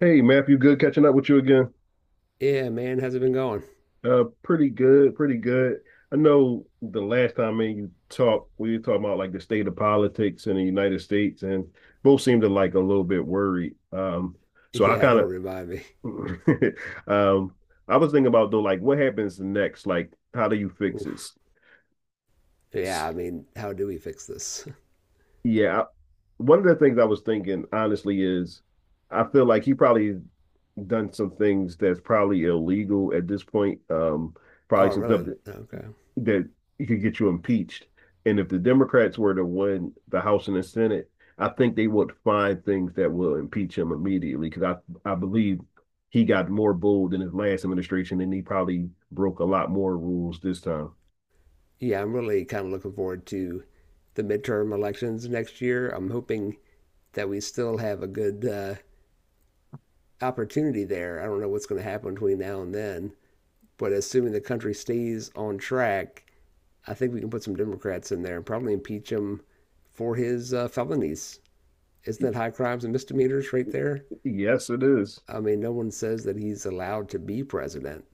Hey, Matthew, good catching up with you again. Yeah, man, how's it been going? Pretty good, pretty good. I know the last time me and you talked, we were talking about like the state of politics in the United States, and both seemed to like a little bit worried. So I Yeah, kind don't of, remind me. um, I was thinking about though, like what happens next? Like, how do you fix it? Oof. Yeah, s- I mean, how do we fix this? Yeah, one of the things I was thinking honestly is, I feel like he probably done some things that's probably illegal at this point. Probably Oh, some stuff really? Okay. that it could get you impeached. And if the Democrats were to win the House and the Senate, I think they would find things that will impeach him immediately because I believe he got more bold in his last administration and he probably broke a lot more rules this time. Yeah, I'm really kind of looking forward to the midterm elections next year. I'm hoping that we still have a good opportunity there. I don't know what's going to happen between now and then, but assuming the country stays on track, I think we can put some Democrats in there and probably impeach him for his felonies. Isn't that high crimes and misdemeanors right there? Yes, it is. I mean, no one says that he's allowed to be president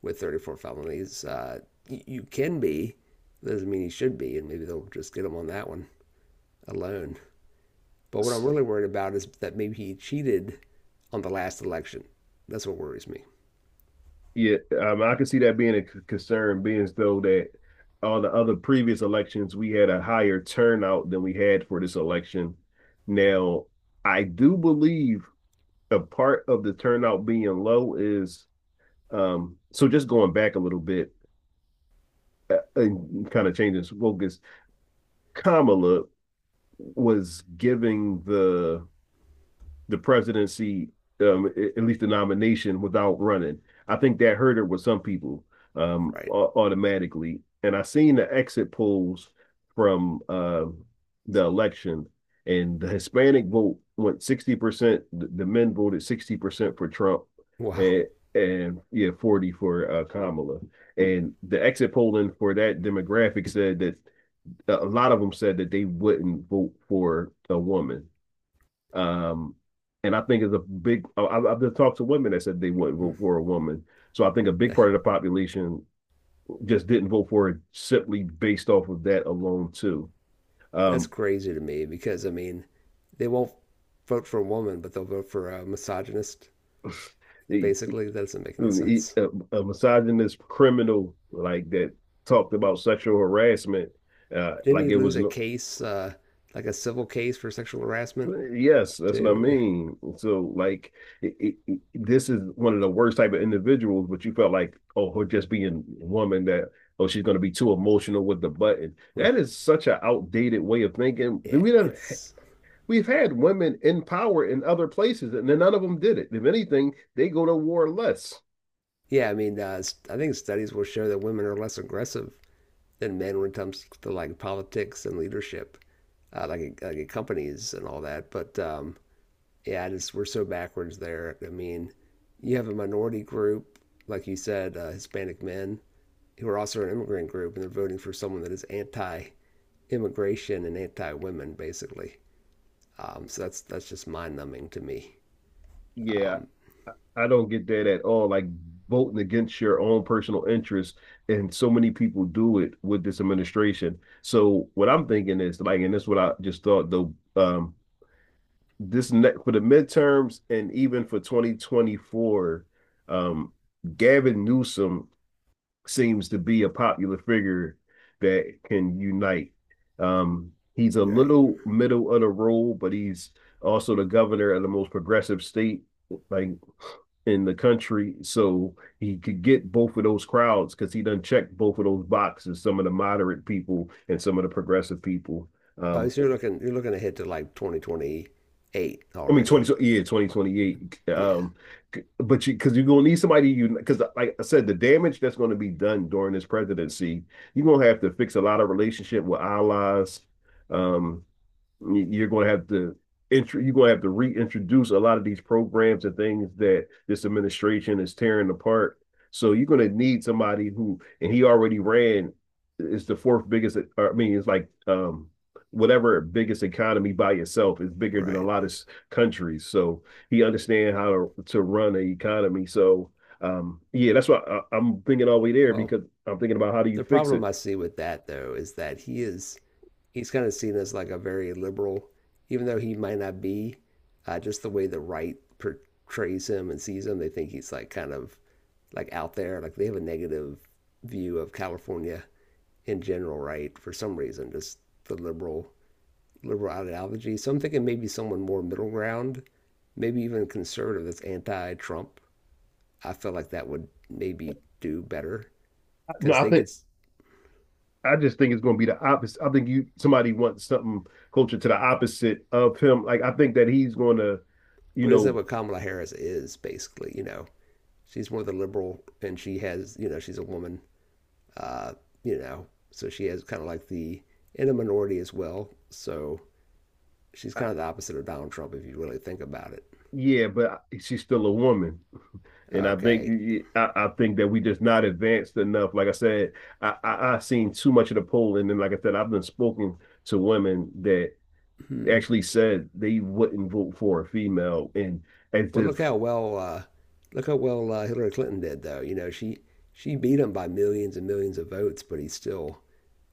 with 34 felonies. You can be, doesn't mean he should be, and maybe they'll just get him on that one alone. But what I'm really worried about is that maybe he cheated on the last election. That's what worries me. Yeah, I can see that being a concern, being as though that all the other previous elections, we had a higher turnout than we had for this election. Now, I do believe a part of the turnout being low is so just going back a little bit and kind of changing focus, Kamala was giving the presidency, um, at least the nomination, without running. I think that hurt it with some people um, Right. automatically. And I seen the exit polls from the election, and the Hispanic vote went 60%. The men voted 60% for Trump Wow. and, and yeah, 40 for Kamala. And the exit polling for that demographic said that a lot of them said that they wouldn't vote for a woman. Um, and I think it's a big. I've just talked to women that said they wouldn't Mm. vote for a woman. So I think a big part of the population just didn't vote for it simply based off of that alone too. That's Um, crazy to me because, I mean, they won't vote for a woman, but they'll vote for a misogynist, basically. That doesn't make any a, sense. a misogynist criminal like that talked about sexual harassment Didn't like he it lose was a no, case, like a civil case for sexual harassment, yes, that's what I too? Yeah. mean. So, like, this is one of the worst type of individuals. But you felt like, oh, her just being a woman that, oh, she's going to be too emotional with the button. Yeah, That is such an outdated way of thinking. We don't. it's We've had women in power in other places, and then none of them did it. If anything, they go to war less. yeah. I mean, I think studies will show that women are less aggressive than men when it comes to like politics and leadership, like in companies and all that. But yeah, I just we're so backwards there. I mean, you have a minority group, like you said, Hispanic men who are also an immigrant group, and they're voting for someone that is anti-immigration and anti-women, basically. So that's just mind-numbing to me. Yeah, Um, I I don't get that at all. Like voting against your own personal interests, and so many people do it with this administration. So what I'm thinking is like, and this is what I just thought though. This ne for the midterms and even for 2024, um, Gavin Newsom seems to be a popular figure that can unite. He's a right. little middle of the road, but he's also the governor of the most progressive state like in the country. So he could get both of those crowds because he done checked both of those boxes, some of the moderate people and some of the progressive people. Oh, Um, so you're looking ahead to like 2028 I mean, 20, already. yeah, 2028. Yeah, But you, because you're going to need somebody, you, because like I said, the damage that's going to be done during this presidency, you're going to have to fix a lot of relationship with allies. Um, are going to have to you're going to have to reintroduce a lot of these programs and things that this administration is tearing apart. So you're going to need somebody who, and he already ran, it's the fourth biggest. I mean, it's like whatever biggest economy by itself is bigger than a right. lot of countries. So he understands how to run an economy. So yeah, that's why I'm thinking all the way there Well, because I'm thinking about how do you the fix it. problem I see with that though is that he's kind of seen as like a very liberal, even though he might not be. Just the way the right portrays him and sees him, they think he's like kind of out there. Like they have a negative view of California in general, right? For some reason, just the liberal ideology. So I'm thinking maybe someone more middle ground, maybe even conservative that's anti-Trump. I felt like that would maybe do better No, because I they think could. I just think it's going to be the opposite. I think you somebody wants something closer to the opposite of him. Like I think that he's going to, you But isn't that know, what Kamala Harris is basically? You know, she's more of the liberal, and she has, you know, she's a woman. Uh, you know, so she has kind of like the in a minority as well. So she's I- kind of the opposite of Donald Trump if you really think about it. yeah, but she's still a woman, and I think Okay. I think that we just not advanced enough. Like I said, I've seen too much of the poll, and then like I said, I've been spoken to women that Hmm. actually said they wouldn't vote for a female, and as But look if how well Hillary Clinton did though. You know, she beat him by millions and millions of votes, but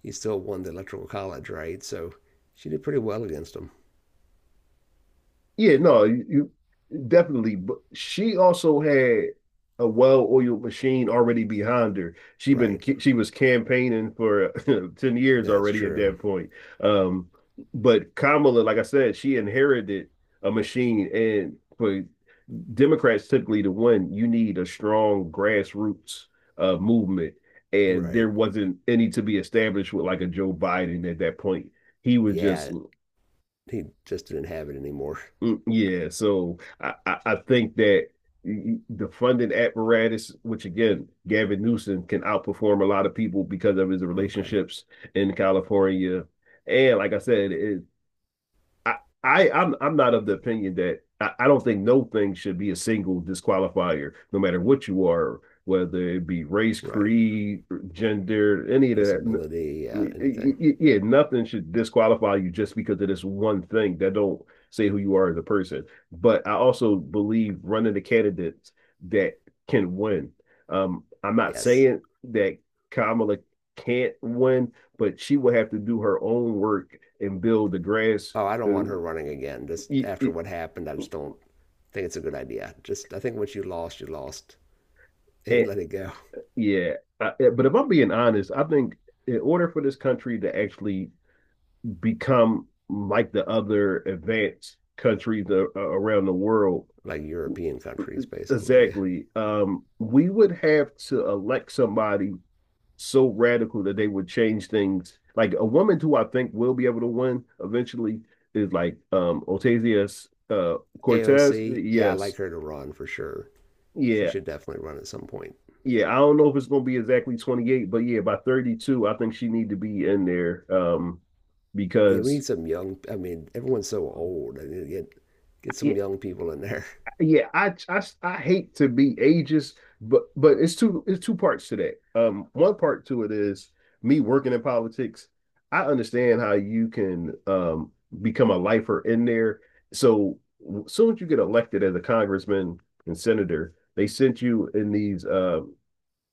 he still won the electoral college, right? So she did pretty well against him. yeah, no, you definitely. But she also had a well-oiled machine already behind her. Right. She was campaigning for 10 years That's already at that true. point. Um, but Kamala, like I said, she inherited a machine. And for Democrats typically to win, you need a strong grassroots movement. And there Right. wasn't any to be established with like a Joe Biden at that point. He was just Yeah. He just didn't have it anymore. mm, yeah, so I think that the funding apparatus, which again, Gavin Newsom can outperform a lot of people because of his Okay. relationships in California. And like I said, I, I'm not of the opinion that I don't think no thing should be a single disqualifier, no matter what you are, whether it be race, Right. creed, gender, any of that. Disability, anything. Yeah, nothing should disqualify you just because of this one thing that don't say who you are as a person. But I also believe running the candidates that can win. I'm not Yes. saying that Kamala can't win, but she will have to do her own work and build the grass Oh, I don't it, want her running again. Just after it, what happened, I just don't think it's a good idea. Just, I think once you lost and let it, it go. yeah. But if I'm being honest, I think in order for this country to actually become like the other advanced countries around the world, Like European countries, basically. Yeah. exactly, we would have to elect somebody so radical that they would change things. Like a woman who I think will be able to win eventually is like Ocasio Cortez. AOC, yeah, I Yes, like her to run for sure. She yeah. should definitely run at some point. Yeah, I don't know if it's going to be exactly 28, but yeah, by 32, I think she need to be in there Yeah, we because need some young. I mean, everyone's so old. I mean, get yeah, some young people in there. yeah, I hate to be ageist, but it's two parts to that. One part to it is me working in politics. I understand how you can become a lifer in there. So soon as you get elected as a congressman and senator, they sent you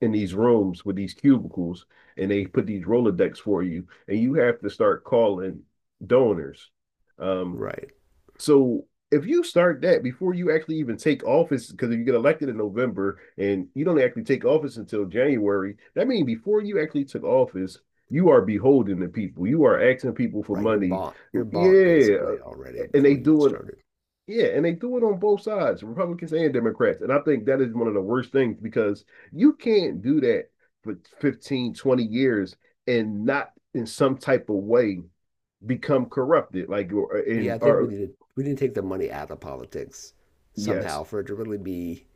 in these rooms with these cubicles and they put these Rolodex for you and you have to start calling donors. Um, Right? so if you start that before you actually even take office, because if you get elected in November and you don't actually take office until January, that means before you actually took office, you are beholden to people. You are asking people for Right. You're money. bought. You're bought Yeah. basically already And they before you even do it started. Yeah, and they do it on both sides, Republicans and Democrats. And I think that is one of the worst things because you can't do that for 15, 20 years and not in some type of way become corrupted. Like Yeah, in I think or we need to take the money out of politics yes. somehow for it to really be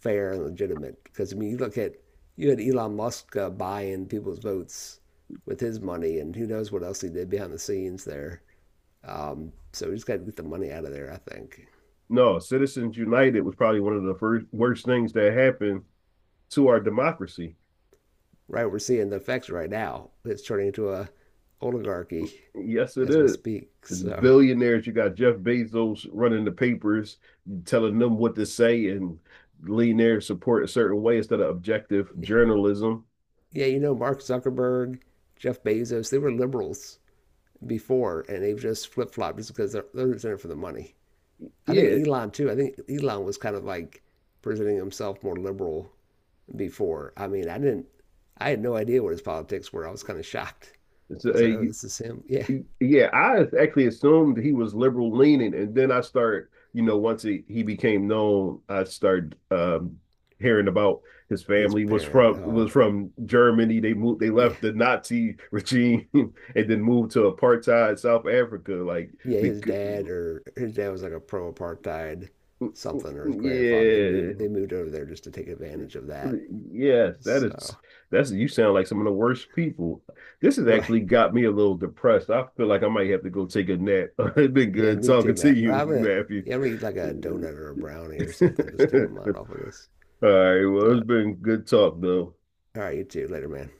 fair and legitimate. Because I mean, you look at you had Elon Musk buying people's votes with his money, and who knows what else he did behind the scenes there. So we just got to get the money out of there, I think. No, Citizens United was probably one of the first worst things that happened to our democracy. Right, we're seeing the effects right now. It's turning into a oligarchy Yes, it as we is. speak. The So billionaires, you got Jeff Bezos running the papers, telling them what to say and lean their support a certain way instead of objective journalism. yeah, you know, Mark Zuckerberg, Jeff Bezos, they were liberals before, and they've just flip-flopped just because they're in it for the money. I think Yeah, Elon too. I think Elon was kind of like presenting himself more liberal before. I mean, I didn't, I had no idea what his politics were. I was kind of shocked. it's I was like, oh, a, this is him. Yeah, yeah. I actually assumed he was liberal leaning, and then you know, once he became known, I started hearing about his his family parent, oh was from Germany. They moved, they yeah. left the Nazi regime, and then moved to apartheid South Africa, like yeah, his because dad or his dad was like a pro apartheid something, or his grandfather. They moved yeah. they moved over there just to take advantage of that. Yes, So that's you sound like some of the worst people. This has right. actually got me a little depressed. I feel like I might have to go take a nap. It's been Yeah, good me talking too, to Matt. you, Matthew. I'm gonna eat like a donut or a brownie or something, just take my mind off of this. All right, well, So, it's been good talk though. all right, you too. Later, man.